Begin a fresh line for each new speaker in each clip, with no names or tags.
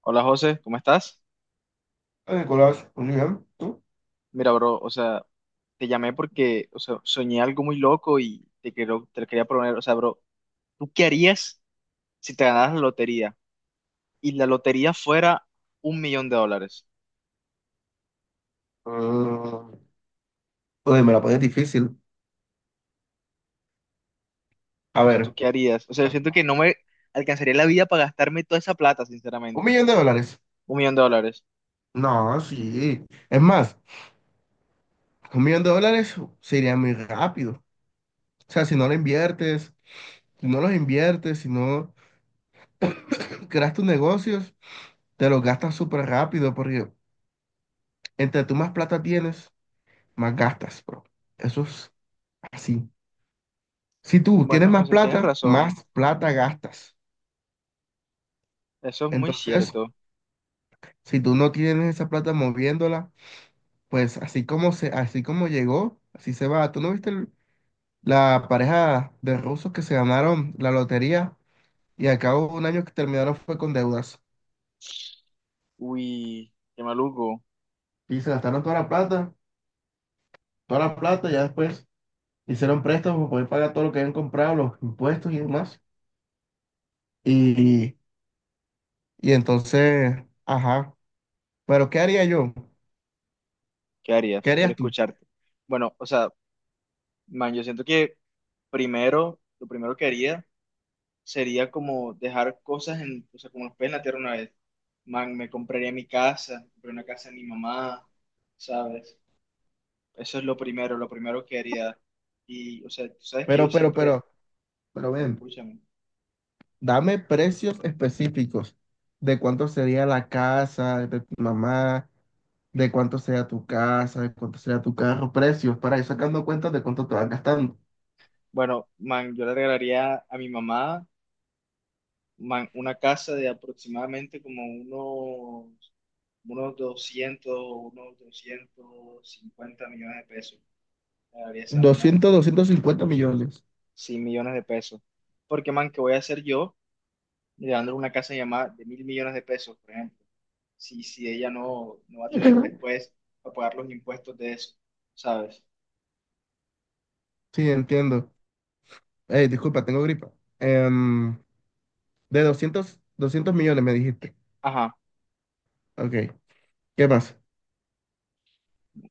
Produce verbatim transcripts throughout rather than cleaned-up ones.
Hola José, ¿cómo estás?
Hola, Nicolás, un millón, ¿tú?
Mira, bro, o sea, te llamé porque, o sea, soñé algo muy loco y te quiero, te lo quería proponer, o sea, bro, ¿tú qué harías si te ganaras la lotería y la lotería fuera un millón de dólares?
Mm, uy, me la pones difícil. A
O sea, ¿tú
ver,
qué harías? O sea, yo siento que no me alcanzaría la vida para gastarme toda esa plata,
un
sinceramente.
millón de dólares.
Un millón de dólares.
No, sí. Es más, un millón de dólares sería muy rápido. O sea, si no lo inviertes, si no los inviertes, si no creas tus negocios, te los gastas súper rápido porque entre tú más plata tienes, más gastas, bro. Eso es así. Si tú tienes
Bueno, o
más
sea, tienes
plata,
razón,
más plata gastas.
eso es muy
Entonces,
cierto.
si tú no tienes esa plata moviéndola, pues así como se, así como llegó, así se va. ¿Tú no viste el- la pareja de rusos que se ganaron la lotería y al cabo de un año que terminaron fue con deudas?
Uy, qué maluco.
Y se gastaron toda la plata, toda la plata, ya después hicieron préstamos para poder pagar todo lo que habían comprado, los impuestos y demás. Y, y entonces, ajá. Pero ¿qué haría yo?
¿Qué
¿Qué
harías? Quiero
harías tú?
escucharte. Bueno, o sea, man, yo siento que primero, lo primero que haría sería como dejar cosas en, o sea, como los pies en la tierra una vez. Man, me compraría mi casa, compré una casa de mi mamá, ¿sabes? Eso es lo primero, lo primero que haría. Y, o sea, tú sabes que yo
Pero, pero, pero,
siempre,
pero
bueno,
ven,
escúchame.
dame precios específicos de cuánto sería la casa de tu mamá, de cuánto sea tu casa, de cuánto sea tu carro, precios, para ir sacando cuentas de cuánto te vas gastando.
Bueno, man, yo le regalaría a mi mamá, man, una casa de aproximadamente como unos, unos doscientos unos doscientos cincuenta millones de pesos. Le regalaría esa una,
doscientos doscientos cincuenta millones.
cien millones de pesos. Porque, man, ¿qué voy a hacer yo? Y dándole una casa llamada de mil millones de pesos, por ejemplo, si, si ella no, no va a tener
Ujú.
después para pagar los impuestos de eso, ¿sabes?
Sí, entiendo. Eh, disculpa, tengo gripa. Em, de doscientos doscientos millones me dijiste.
Ajá.
Ok, ¿qué más?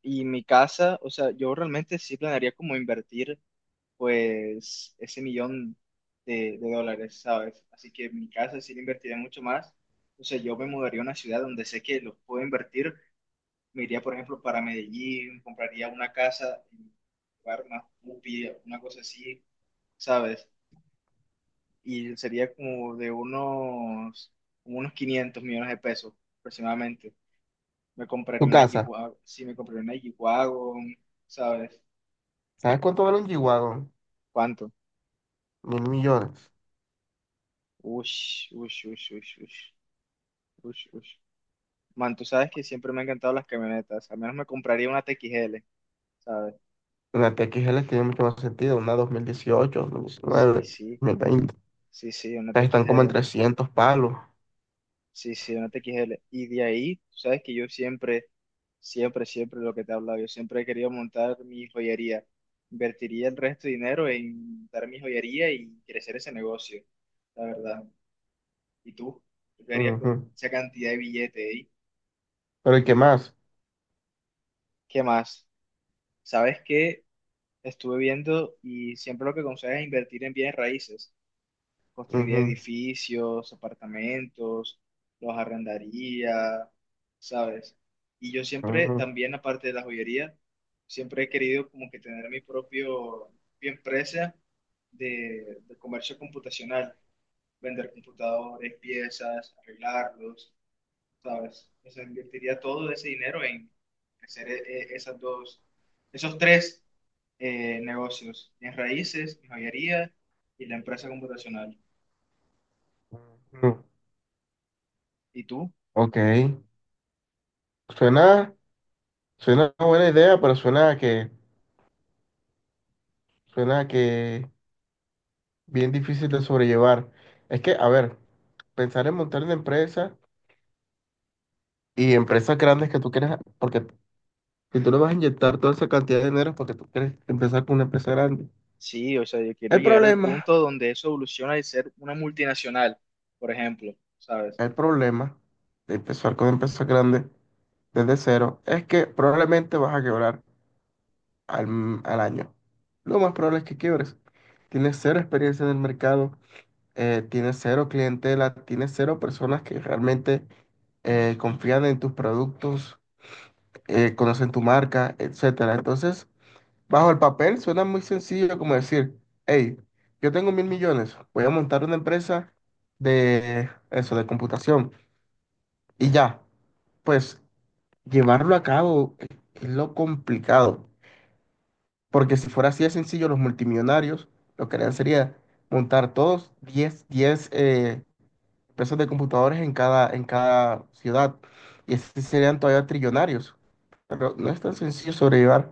Y mi casa, o sea, yo realmente sí planearía como invertir, pues, ese millón de, de dólares, ¿sabes? Así que mi casa sí la invertiría mucho más. O sea, yo me mudaría a una ciudad donde sé que los puedo invertir. Me iría, por ejemplo, para Medellín, compraría una casa en un lugar más pupi, una cosa así, ¿sabes? Y sería como de unos, como unos quinientos millones de pesos aproximadamente. Me
Tu
compraría una
casa.
G-Wagon, sí, me compraría una G-Wagon, ¿sabes?
¿Sabes cuánto vale un G-Wagon?
¿Cuánto?
Mil millones.
Ush, ush, ush, ush, ush, ush, ush. Man, tú sabes que siempre me han encantado las camionetas, al menos me compraría una T X L, ¿sabes?
Una T X L tiene mucho más sentido, una dos mil dieciocho, dos mil diecinueve,
Sí, sí,
dos mil veinte.
sí, sí, una
Estas Están como en
T X L.
trescientos palos.
Sí, sí, una T X L. Y de ahí, tú sabes que yo siempre, siempre, siempre lo que te he hablado, yo siempre he querido montar mi joyería. Invertiría el resto de dinero en montar mi joyería y crecer ese negocio, la verdad. ¿Y tú? ¿Tú qué harías con
Ujú.
esa cantidad de billete ahí?
¿Pero y qué más?
¿Qué más? ¿Sabes qué? Estuve viendo y siempre lo que aconsejas es invertir en bienes raíces. Construiría
Ujú,
edificios, apartamentos, los arrendaría, ¿sabes? Y yo siempre,
ujú,
también aparte de la joyería, siempre he querido como que tener mi propio, mi empresa de, de comercio computacional, vender computadores, piezas, arreglarlos, ¿sabes? O sea, invertiría todo ese dinero en hacer e- e- esas dos, esos tres eh, negocios, mis raíces, mi joyería y la empresa computacional.
ujú.
¿Y tú?
Ok. Suena, suena una buena idea, pero suena a que, suena a que bien difícil de sobrellevar. Es que, a ver, pensar en montar una empresa y empresas grandes que tú quieres, porque si tú le vas a inyectar toda esa cantidad de dinero es porque tú quieres empezar con una empresa grande.
Sí, o sea, yo quiero
El
llegar al
problema,
punto donde eso evoluciona y ser una multinacional, por ejemplo, ¿sabes?
el problema de empezar con empresas grandes desde cero es que probablemente vas a quebrar al, m- al año. Lo más probable es que quiebres. Tienes cero experiencia en el mercado, eh, tienes cero clientela, tienes cero personas que realmente eh, confían en tus productos, eh, conocen tu marca, etcétera. Entonces, bajo el papel suena muy sencillo como decir, hey, yo tengo mil millones, voy a montar una empresa de eso, de computación. Y ya, pues llevarlo a cabo es lo complicado, porque si fuera así de sencillo, los multimillonarios lo que harían sería montar todos diez, diez eh, empresas de computadores en cada, en cada ciudad. Y así serían todavía trillonarios. Pero no es tan sencillo sobrellevar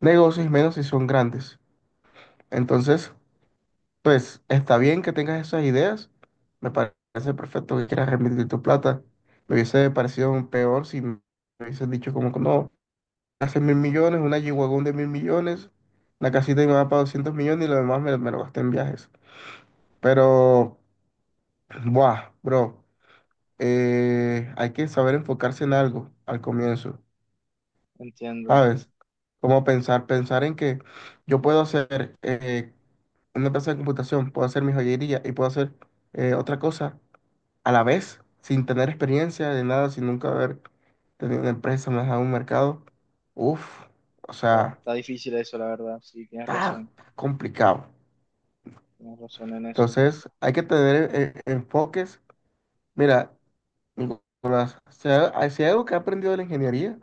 negocios, y menos si son grandes. Entonces, pues está bien que tengas esas ideas. Me parece perfecto que quieras remitir tu plata. Me hubiese parecido un peor si me hubiesen dicho como que no, hace mil millones, una G-Wagon de mil millones, la casita de mi mamá para doscientos millones y lo demás me, me lo gasté en viajes. Pero, buah, bro. eh, hay que saber enfocarse en algo al comienzo,
Entiendo.
¿sabes? Como pensar, pensar en que yo puedo hacer eh, una empresa de computación, puedo hacer mi joyería y puedo hacer eh, otra cosa a la vez, sin tener experiencia de nada, sin nunca haber tenido una empresa, más a un mercado. Uf, o
Está,
sea,
está difícil eso, la verdad. Sí, tienes
está
razón.
complicado.
Tienes razón en eso.
Entonces, hay que tener eh, enfoques. Mira, Nicolás, si hay si hay algo que he aprendido de la ingeniería,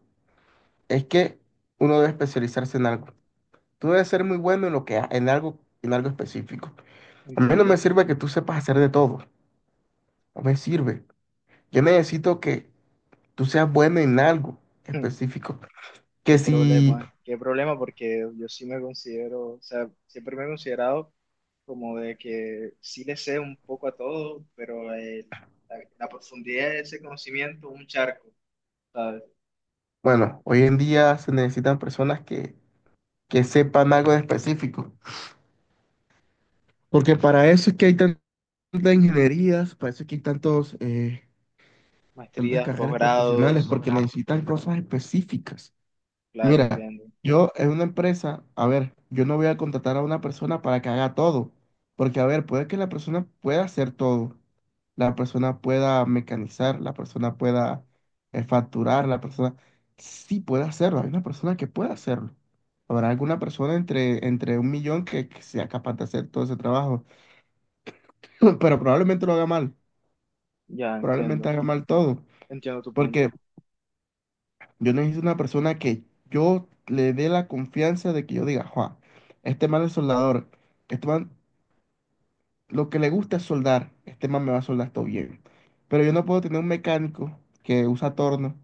es que uno debe especializarse en algo. Tú debes ser muy bueno en lo que ha- en algo, en algo específico. A mí no me
Entiendo.
sirve que tú sepas hacer de todo. No me sirve. Yo necesito que tú seas bueno en algo específico. Que
Qué
si,
problema, qué problema, porque yo sí me considero, o sea, siempre me he considerado como de que sí le sé un poco a todo, pero el- la, la profundidad de ese conocimiento, un charco, ¿sabes?
bueno, hoy en día se necesitan personas que, que sepan algo en específico. Porque para eso es que hay tantas ingenierías, para eso es que hay tantos, eh, tantas
Maestrías,
carreras profesionales,
posgrados,
porque necesitan cosas específicas.
claro,
Mira,
entiendo.
yo en una empresa, a ver, yo no voy a contratar a una persona para que haga todo, porque a ver, puede que la persona pueda hacer todo, la persona pueda mecanizar, la persona pueda eh, facturar, la persona sí puede hacerlo, hay una persona que puede hacerlo. Habrá alguna persona entre, entre un millón que, que sea capaz de hacer todo ese trabajo, pero probablemente lo haga mal,
Ya,
probablemente
entiendo.
haga mal todo,
Entiendo tu
porque
punto.
yo necesito una persona que yo le dé la confianza de que yo diga, Juan, este man es soldador, este man lo que le gusta es soldar, este man me va a soldar todo bien. Pero yo no puedo tener un mecánico que usa torno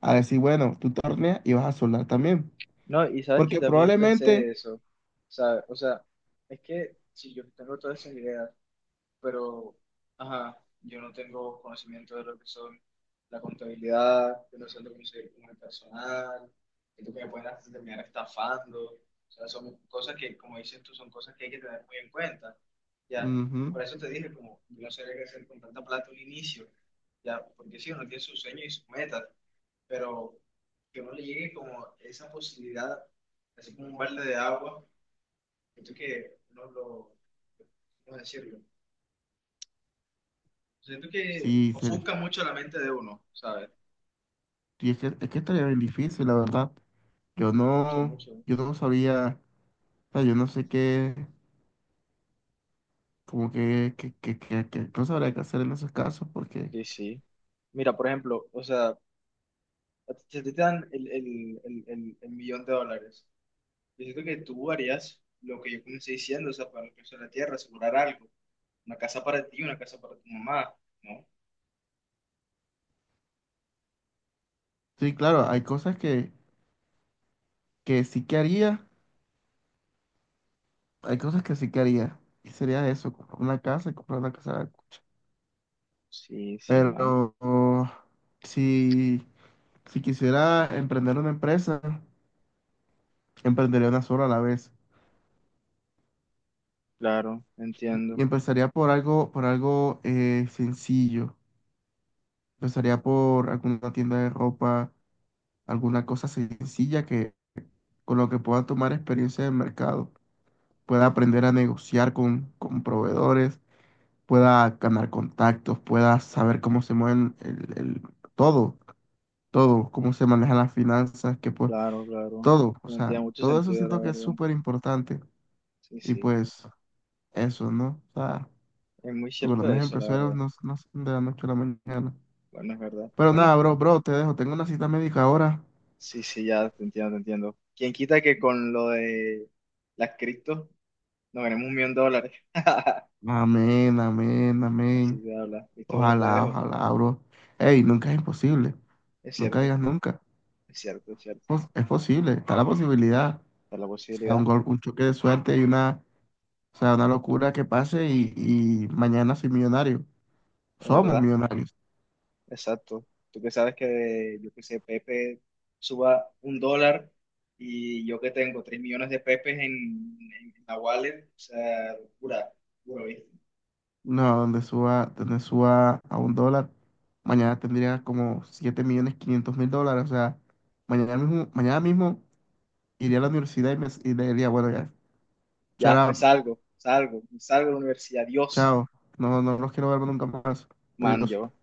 a decir, bueno, tú torneas y vas a soldar también.
No, y sabes que
Porque
también pensé
probablemente,
eso. O sea, o sea, es que si yo tengo todas esas ideas pero ajá, yo no tengo conocimiento de lo que son la contabilidad, yo no sé lo que se con el personal, siento que me pueden hasta terminar estafando, o sea, son cosas que, como dices tú, son cosas que hay que tener muy en cuenta, ya,
ujú,
por eso te dije, como, yo no sabía qué hacer con tanta plata un inicio, ya, porque sí, uno tiene sus sueños y sus metas, pero que uno le llegue como esa posibilidad, así como un balde de agua, siento que no lo, ¿cómo decirlo? Siento que
sí, Feli,
ofusca mucho la mente de uno, ¿sabes?
sí, es que, es que estaría bien difícil, la verdad. Yo
Mucho,
no,
mucho.
yo no sabía, o sea, yo no sé qué, como que, que, que, que, que no sabría qué hacer en esos casos porque...
Sí, sí. Mira, por ejemplo, o sea, a ti- si a ti te dan el, el, el, el, el millón de dólares, yo siento que tú harías lo que yo comencé diciendo, o sea, para el precio de la tierra, asegurar algo, una casa para ti, una casa para tu mamá, ¿no?
Sí, claro, hay cosas que, que sí que haría, hay cosas que sí que haría. Y sería eso, comprar una casa y comprar una casa.
Sí, sí, man.
Pero oh, si, si quisiera emprender una empresa, emprendería una sola a la vez.
Claro,
Y,
entiendo,
y empezaría por algo, por algo eh, sencillo. Empezaría por alguna tienda de ropa, alguna cosa sencilla que con lo que pueda tomar experiencia de mercado. Pueda aprender a negociar con, con proveedores, pueda ganar contactos, pueda saber cómo se mueven el, el- todo, todo, cómo se manejan las finanzas, que pues
claro, claro.
todo, o
No tiene
sea,
mucho
todo eso
sentido, la
siento que es
verdad.
súper importante
Sí,
y
sí.
pues eso, ¿no? O sea,
Es muy
porque los
cierto
mejores
eso, la
empresarios
verdad.
no, no son de la noche a la mañana.
Bueno, es verdad.
Pero nada,
Bueno,
bro, bro, te dejo, tengo una cita médica ahora.
sí, sí, ya te entiendo, te entiendo. ¿Quién quita que con lo de las cripto nos ganemos un millón de dólares?
Amén, amén,
Así
amén.
se habla. Listo, bro, te
Ojalá,
dejo.
ojalá, bro. Ey, nunca es imposible,
Es
nunca
cierto,
digas nunca.
es cierto, es cierto.
Pos- Es posible, está la posibilidad, o
Está la
sea, un
posibilidad,
gol, un choque de suerte y una o sea, una locura que pase y, y mañana soy millonario.
es
Somos
verdad.
millonarios.
Exacto. Tú que sabes que, yo que sé, Pepe suba un dólar y yo que tengo tres millones de Pepes en, en la wallet, o sea, locura, locura, ¿viste?
No, donde suba, donde suba a un dólar, mañana tendría como siete millones quinientos mil dólares. O sea, mañana mismo, mañana mismo iría a la universidad y, me, y le diría, bueno, ya, shut
Ya, me
up,
salgo, salgo, me salgo de la universidad. Dios,
chao. No, no los quiero ver nunca más.
man,
Adiós.
yo.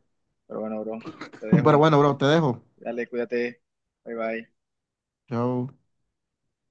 Pero bueno, bro, te
Pero
dejo.
bueno, bro, te dejo.
Dale, cuídate. Bye bye.
Chao.